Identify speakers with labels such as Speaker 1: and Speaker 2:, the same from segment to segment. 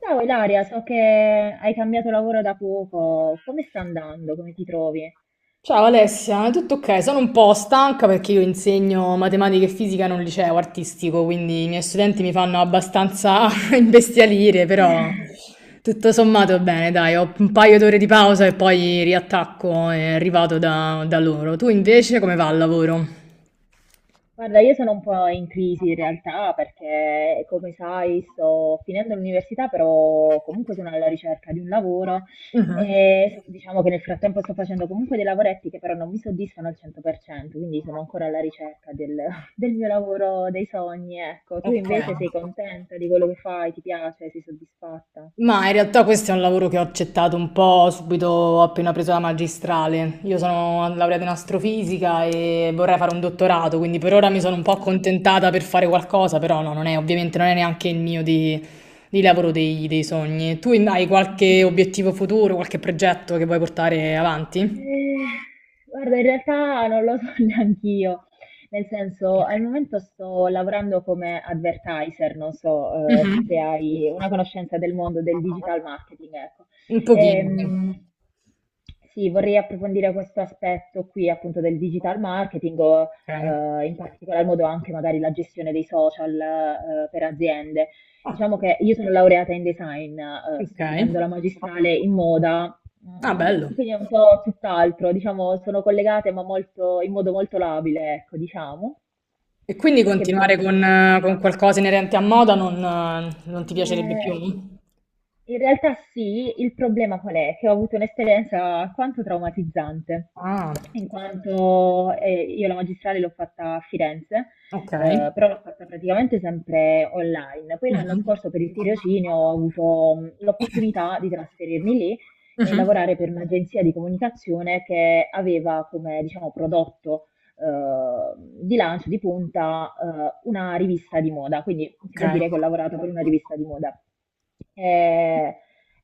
Speaker 1: Ciao Ilaria, so che hai cambiato lavoro da poco, come sta andando? Come ti trovi?
Speaker 2: Ciao Alessia, è tutto ok? Sono un po' stanca perché io insegno matematica e fisica in un liceo artistico, quindi i miei studenti mi fanno abbastanza imbestialire, però tutto sommato bene, dai, ho un paio d'ore di pausa e poi riattacco e arrivato da loro. Tu invece come va al lavoro?
Speaker 1: Guarda, io sono un po' in crisi in realtà perché, come sai, sto finendo l'università, però comunque sono alla ricerca di un lavoro
Speaker 2: Mhm.
Speaker 1: e so, diciamo che nel frattempo sto facendo comunque dei lavoretti che però non mi soddisfano al 100%, quindi sono ancora alla ricerca del, del mio lavoro, dei sogni, ecco. Tu
Speaker 2: Ok.
Speaker 1: invece sei contenta di quello che fai, ti piace, sei soddisfatta?
Speaker 2: Ma in realtà questo è un lavoro che ho accettato un po' subito appena preso la magistrale. Io sono laureata in astrofisica e vorrei fare un dottorato, quindi per ora mi sono un po' accontentata per fare qualcosa, però no, non è, ovviamente non è neanche il mio di lavoro dei sogni. Tu hai qualche obiettivo futuro, qualche progetto che vuoi portare avanti?
Speaker 1: Eh, Guarda, in realtà non lo so neanch'io, nel senso, al momento sto lavorando come advertiser, non so, se
Speaker 2: Mhm.
Speaker 1: hai una conoscenza del mondo del digital marketing, ecco.
Speaker 2: Un pochino.
Speaker 1: Ehm, sì, vorrei approfondire questo aspetto qui appunto del digital marketing o
Speaker 2: Sì. Ok.
Speaker 1: in particolar modo anche magari la gestione dei social per aziende.
Speaker 2: Ah,
Speaker 1: Diciamo che io sono laureata in design,
Speaker 2: ok.
Speaker 1: sto finendo la magistrale in moda.
Speaker 2: Ah,
Speaker 1: Mm,
Speaker 2: bello.
Speaker 1: quindi è un po' tutt'altro, diciamo, sono collegate ma molto, in modo molto labile, ecco, diciamo,
Speaker 2: E quindi
Speaker 1: perché mi sono
Speaker 2: continuare con, con
Speaker 1: spostata.
Speaker 2: qualcosa inerente a moda non, non ti piacerebbe più?
Speaker 1: Eh, In realtà sì, il problema qual è? Che ho avuto un'esperienza alquanto traumatizzante,
Speaker 2: Ah,
Speaker 1: in quanto io la magistrale l'ho fatta a Firenze,
Speaker 2: ok.
Speaker 1: però l'ho fatta praticamente sempre online. Poi l'anno
Speaker 2: Mhm.
Speaker 1: scorso per il tirocinio ho avuto l'opportunità di trasferirmi lì e
Speaker 2: Mhm.
Speaker 1: lavorare per un'agenzia di comunicazione che aveva come, diciamo, prodotto eh, di lancio, di punta, una rivista di moda, quindi si
Speaker 2: Ok.
Speaker 1: può dire che ho lavorato per una rivista di moda. Eh,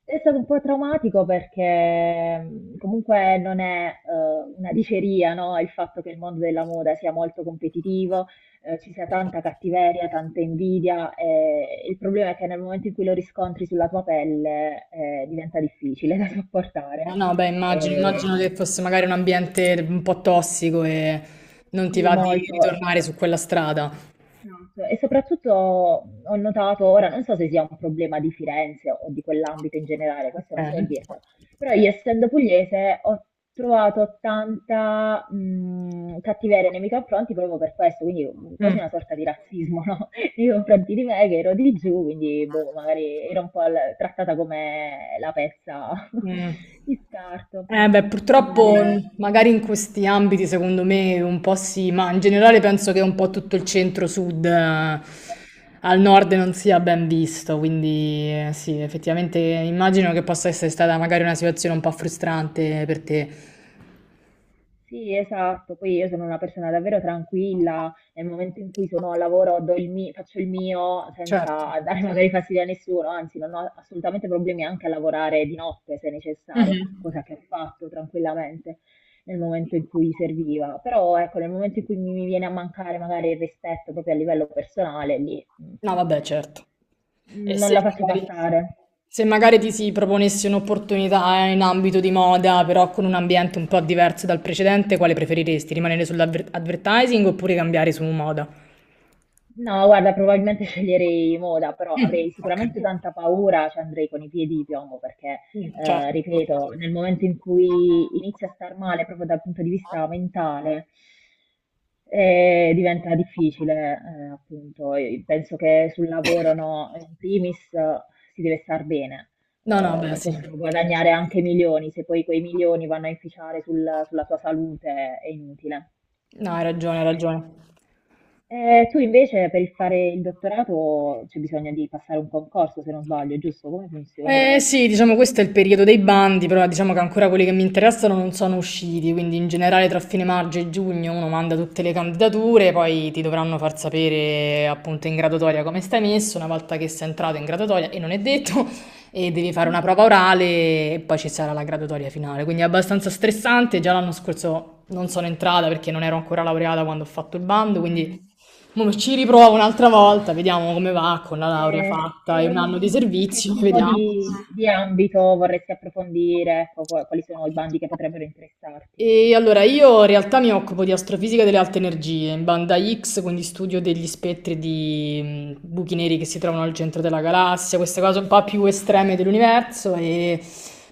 Speaker 1: è stato un po' traumatico perché comunque non è una diceria, no? Il fatto che il mondo della moda sia molto competitivo, ci sia tanta cattiveria, tanta invidia, e il problema è che nel momento in cui lo riscontri sulla tua pelle diventa difficile da sopportare.
Speaker 2: No, beh, immagino
Speaker 1: Eh,
Speaker 2: che fosse magari un ambiente un po' tossico e non ti
Speaker 1: sì,
Speaker 2: va di
Speaker 1: molto.
Speaker 2: ritornare su quella strada.
Speaker 1: Esatto. E soprattutto ho notato, ora non so se sia un problema di Firenze o di quell'ambito in generale, questo non so
Speaker 2: Ok.
Speaker 1: dirtelo, però io essendo pugliese ho trovato tanta cattiveria nei miei confronti proprio per questo, quindi quasi
Speaker 2: Mm.
Speaker 1: una sorta di razzismo, no? Nei confronti di me che ero di giù, quindi boh, magari ero un po' trattata come la pezza
Speaker 2: Mm.
Speaker 1: di scarto.
Speaker 2: Eh beh,
Speaker 1: Quindi,
Speaker 2: purtroppo magari in questi ambiti secondo me un po' sì, ma in generale penso che un po' tutto il centro-sud al nord non sia ben visto, quindi sì, effettivamente immagino che possa essere stata magari una situazione un po' frustrante per te.
Speaker 1: sì, esatto. Poi io sono una persona davvero tranquilla, nel momento in cui sono al lavoro do faccio il mio
Speaker 2: Certo.
Speaker 1: senza dare magari fastidio a nessuno, anzi non ho assolutamente problemi anche a lavorare di notte se necessario,
Speaker 2: Mhm.
Speaker 1: cosa che ho fatto tranquillamente nel momento in cui serviva. Però ecco, nel momento in cui mi viene a mancare magari il rispetto proprio a livello personale, lì mm,
Speaker 2: No, vabbè, certo. E
Speaker 1: non
Speaker 2: se
Speaker 1: la faccio Eh sì.
Speaker 2: magari,
Speaker 1: passare.
Speaker 2: se magari ti si proponesse un'opportunità in ambito di moda, però con un ambiente un po' diverso dal precedente, quale preferiresti? Rimanere sull'advertising oppure cambiare su moda?
Speaker 1: No, guarda, probabilmente sceglierei moda, però
Speaker 2: Mm,
Speaker 1: avrei
Speaker 2: ok.
Speaker 1: sicuramente tanta paura, ci andrei con i piedi di piombo perché,
Speaker 2: Mm, certo.
Speaker 1: ripeto, nel momento in cui inizia a star male proprio dal punto di vista mentale, diventa difficile, appunto. Io penso che sul lavoro, no, in primis, si deve star bene,
Speaker 2: No, no, beh,
Speaker 1: si
Speaker 2: sì.
Speaker 1: possono guadagnare anche milioni, se poi quei milioni vanno a inficiare sulla tua salute è inutile.
Speaker 2: No, hai ragione, hai ragione.
Speaker 1: Tu invece per il fare il dottorato c'è bisogno di passare un concorso, se non sbaglio, giusto? Come funziona?
Speaker 2: Eh sì, diciamo questo è il periodo dei bandi, però diciamo che ancora quelli che mi interessano non sono usciti, quindi in generale tra fine maggio e giugno uno manda tutte le candidature, poi ti dovranno far sapere appunto in graduatoria come stai messo, una volta che sei entrato in graduatoria, e non è detto, e devi fare una
Speaker 1: Mm,
Speaker 2: prova orale e poi ci sarà la graduatoria finale, quindi è abbastanza stressante, già l'anno scorso non sono entrata perché non ero ancora laureata quando ho fatto il bando, quindi.
Speaker 1: mm.
Speaker 2: Mo ci riprovo un'altra volta, vediamo come va con la laurea
Speaker 1: Eh, e,
Speaker 2: fatta e un anno di
Speaker 1: e che
Speaker 2: servizio,
Speaker 1: tipo
Speaker 2: vediamo.
Speaker 1: di ambito vorresti approfondire? Ecco, quali sono i bandi che potrebbero interessarti?
Speaker 2: E allora io in realtà mi occupo di astrofisica delle alte energie, in banda X, quindi studio degli spettri di buchi neri che si trovano al centro della galassia, queste cose un po' più estreme dell'universo e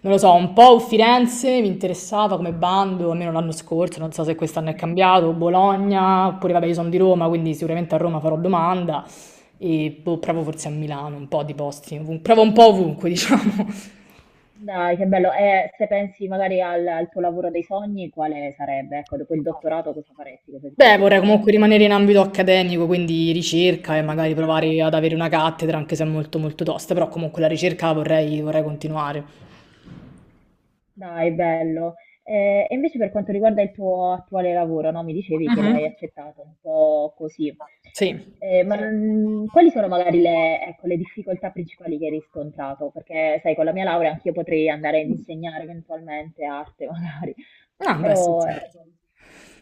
Speaker 2: non lo so, un po' Firenze mi interessava come bando, almeno l'anno scorso, non so se quest'anno è cambiato, Bologna, oppure vabbè io sono di Roma, quindi sicuramente a Roma farò domanda e boh, provo forse a Milano, un po' di posti, provo un po' ovunque diciamo.
Speaker 1: Dai, che bello. E se pensi magari al, al tuo lavoro dei sogni, quale sarebbe? Ecco, dopo il dottorato cosa faresti? Cosa ti
Speaker 2: Beh,
Speaker 1: piacerebbe
Speaker 2: vorrei comunque
Speaker 1: fare?
Speaker 2: rimanere in ambito accademico, quindi ricerca e
Speaker 1: Quindi
Speaker 2: magari provare
Speaker 1: insegnare?
Speaker 2: ad
Speaker 1: No?
Speaker 2: avere una cattedra, anche se è molto molto tosta, però comunque la ricerca la vorrei continuare.
Speaker 1: Dai, bello. E invece per quanto riguarda il tuo attuale lavoro, no? Mi dicevi che l'hai
Speaker 2: Mhm.
Speaker 1: accettato un po' così.
Speaker 2: Sì.
Speaker 1: Ma sì. Non- quali sono magari le, ecco, le difficoltà principali che hai riscontrato? Perché, sai, con la mia laurea anch'io potrei andare ad insegnare eventualmente arte, magari.
Speaker 2: Ah, beh, sì,
Speaker 1: Però,
Speaker 2: certo.
Speaker 1: ecco,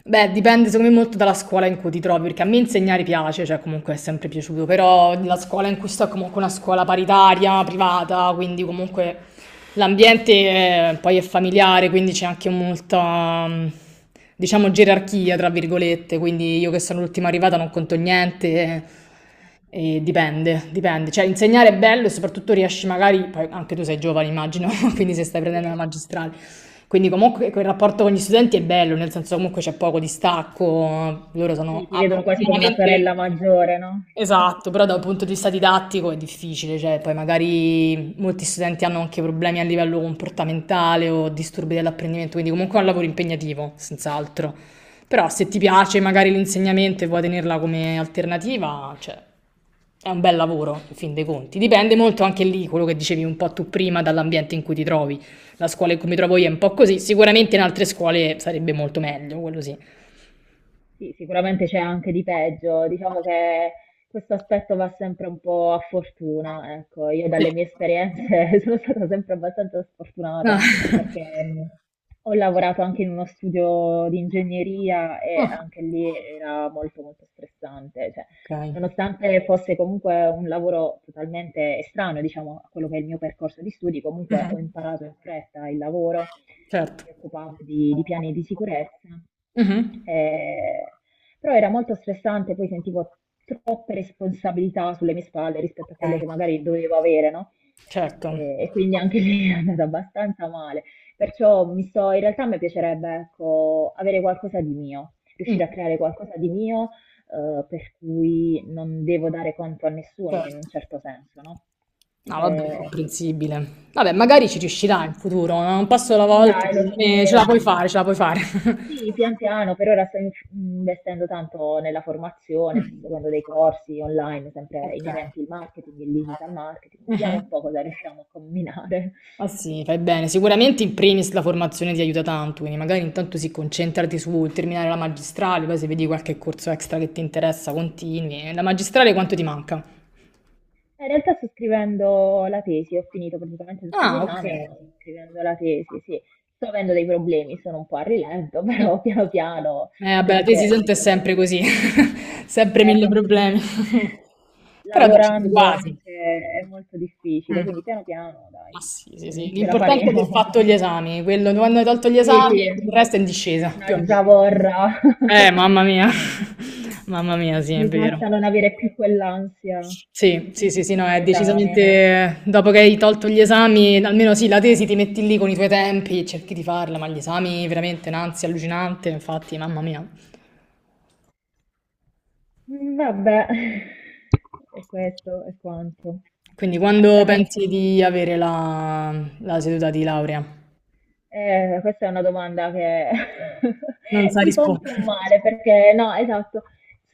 Speaker 2: Beh, dipende secondo me molto dalla scuola in cui ti trovi, perché a me insegnare piace, cioè comunque è sempre piaciuto, però la scuola in cui sto è comunque una scuola paritaria, privata, quindi comunque l'ambiente poi è familiare, quindi c'è anche molta, diciamo, gerarchia, tra virgolette, quindi io che sono l'ultima arrivata non conto niente. E dipende, dipende. Cioè, insegnare è bello e soprattutto riesci magari, poi anche tu sei giovane, immagino, quindi se stai prendendo la
Speaker 1: sì,
Speaker 2: magistrale, quindi comunque quel rapporto con gli studenti è bello, nel senso comunque c'è poco distacco, loro
Speaker 1: sì,
Speaker 2: sono
Speaker 1: ti vedono quasi come una
Speaker 2: veramente.
Speaker 1: sorella maggiore, no?
Speaker 2: Esatto, però da un punto di vista didattico è difficile, cioè poi magari molti studenti hanno anche problemi a livello comportamentale o disturbi dell'apprendimento, quindi comunque è un lavoro impegnativo, sens'altro. Però se ti piace magari l'insegnamento e vuoi tenerla come alternativa, cioè, è un bel lavoro, in fin dei conti. Dipende molto anche lì, quello che dicevi un po' tu prima, dall'ambiente in cui ti trovi. La scuola in cui mi trovo io è un po' così. Sicuramente in altre scuole sarebbe molto meglio, quello sì.
Speaker 1: Sì, sicuramente c'è anche di peggio, diciamo che questo aspetto va sempre un po' a fortuna, ecco, io
Speaker 2: Sì.
Speaker 1: dalle mie esperienze sono stata sempre abbastanza
Speaker 2: Ah,
Speaker 1: sfortunata perché ho lavorato anche in uno studio di ingegneria e
Speaker 2: ah,
Speaker 1: anche lì era molto molto stressante, cioè,
Speaker 2: ok,
Speaker 1: nonostante fosse comunque un lavoro totalmente estraneo, diciamo, a quello che è il mio percorso di studi, comunque ho
Speaker 2: mhm,
Speaker 1: imparato in fretta il lavoro.
Speaker 2: certo.
Speaker 1: Mi occupavo di piani di sicurezza,
Speaker 2: Mhm.
Speaker 1: eh, però era molto stressante, poi sentivo troppe responsabilità sulle mie spalle rispetto a quelle
Speaker 2: Ok,
Speaker 1: che magari dovevo avere, no?
Speaker 2: certo.
Speaker 1: E quindi anche lì è andata abbastanza male. Perciò mi sto, in realtà mi piacerebbe, ecco, avere qualcosa di mio,
Speaker 2: Mm,
Speaker 1: riuscire a creare qualcosa di mio, per cui non devo dare conto a nessuno in
Speaker 2: certo.
Speaker 1: un certo senso, no?
Speaker 2: No, vabbè, è
Speaker 1: Eh,
Speaker 2: comprensibile. Vabbè, magari ci riuscirà in futuro, no? Un passo alla volta,
Speaker 1: Dai, lo
Speaker 2: secondo me ce
Speaker 1: spero.
Speaker 2: la puoi fare, ce la puoi fare.
Speaker 1: Sì, pian piano, per ora sto investendo tanto nella formazione, sto
Speaker 2: Mm.
Speaker 1: seguendo dei corsi online sempre
Speaker 2: Ok.
Speaker 1: inerenti al marketing, il digital marketing, vediamo un
Speaker 2: Mhm.
Speaker 1: po' cosa riusciamo a combinare.
Speaker 2: Ah sì, fai bene. Sicuramente in primis la formazione ti aiuta tanto, quindi magari intanto si concentrati su terminare la magistrale, poi se vedi qualche corso extra che ti interessa, continui. E la magistrale quanto ti manca?
Speaker 1: In realtà sto scrivendo la tesi, ho finito praticamente tutti gli
Speaker 2: Ah, ok.
Speaker 1: esami, sto scrivendo la tesi, sì. Sto avendo dei problemi, sono un po' a rilento,
Speaker 2: Mm.
Speaker 1: però piano piano,
Speaker 2: Vabbè,
Speaker 1: anche
Speaker 2: la tesi
Speaker 1: perché, come
Speaker 2: tanto è
Speaker 1: ti dicevo,
Speaker 2: sempre così, sempre mille
Speaker 1: ecco,
Speaker 2: problemi. Però dai, ci sei
Speaker 1: lavorando
Speaker 2: quasi.
Speaker 1: anche è molto difficile,
Speaker 2: Mm.
Speaker 1: quindi piano piano, dai,
Speaker 2: Ma sì, sì, sì.
Speaker 1: mm, ce la
Speaker 2: L'importante è aver
Speaker 1: faremo.
Speaker 2: fatto gli esami, quello quando hai tolto gli
Speaker 1: Sì,
Speaker 2: esami,
Speaker 1: sì,
Speaker 2: il resto è in discesa, più o
Speaker 1: una
Speaker 2: meno.
Speaker 1: zavorra.
Speaker 2: Mamma mia, mamma mia, sì, è
Speaker 1: Mi
Speaker 2: vero.
Speaker 1: basta non avere più quell'ansia
Speaker 2: Sì, sì, sì, sì, no, è
Speaker 1: dell'esame.
Speaker 2: decisamente dopo che hai tolto gli esami, almeno sì, la tesi ti metti lì con i tuoi tempi, cerchi di farla, ma gli esami veramente un'ansia allucinante, infatti, mamma mia.
Speaker 1: Mm, vabbè, e questo è quanto.
Speaker 2: Quindi quando
Speaker 1: Dai,
Speaker 2: pensi di avere la seduta di laurea?
Speaker 1: Questa è una domanda che
Speaker 2: Non sa
Speaker 1: mi fa un
Speaker 2: rispondere.
Speaker 1: po' male perché no, esatto,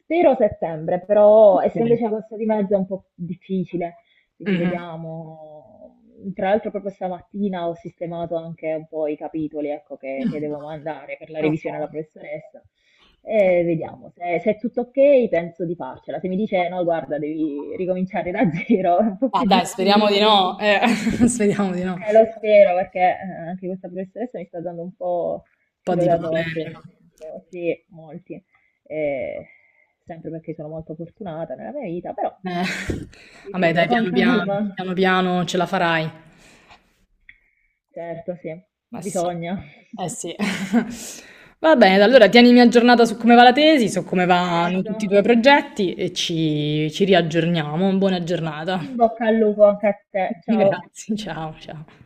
Speaker 1: spero settembre, però
Speaker 2: Ok.
Speaker 1: essendoci agosto di mezzo è un po' difficile, quindi
Speaker 2: Mhm.
Speaker 1: vediamo. Tra l'altro proprio stamattina ho sistemato anche un po' i capitoli, ecco, che devo mandare per la
Speaker 2: Ok.
Speaker 1: revisione alla professoressa. E vediamo, se, se è tutto ok penso di farcela. Se mi dice no, guarda, devi ricominciare da zero, è un po'
Speaker 2: Ma
Speaker 1: più
Speaker 2: dai, speriamo di
Speaker 1: difficile.
Speaker 2: no, speriamo di no. Un
Speaker 1: Lo spero perché anche questa professoressa mi sta dando un po'
Speaker 2: po'
Speaker 1: filo
Speaker 2: di
Speaker 1: da torcere,
Speaker 2: problemi.
Speaker 1: nel senso, sì, molti, eh, sempre perché sono molto fortunata nella mia vita, però
Speaker 2: Eh. Vabbè
Speaker 1: ripeto,
Speaker 2: dai,
Speaker 1: con
Speaker 2: piano
Speaker 1: calma,
Speaker 2: piano, piano piano ce la farai.
Speaker 1: certo, sì,
Speaker 2: Ma sì,
Speaker 1: bisogna.
Speaker 2: eh sì. Va bene, allora tienimi aggiornata su come va la tesi, su come vanno
Speaker 1: Certo,
Speaker 2: tutti i tuoi progetti e ci riaggiorniamo. Buona giornata.
Speaker 1: in bocca al lupo anche a te, ciao.
Speaker 2: Grazie, ciao, ciao.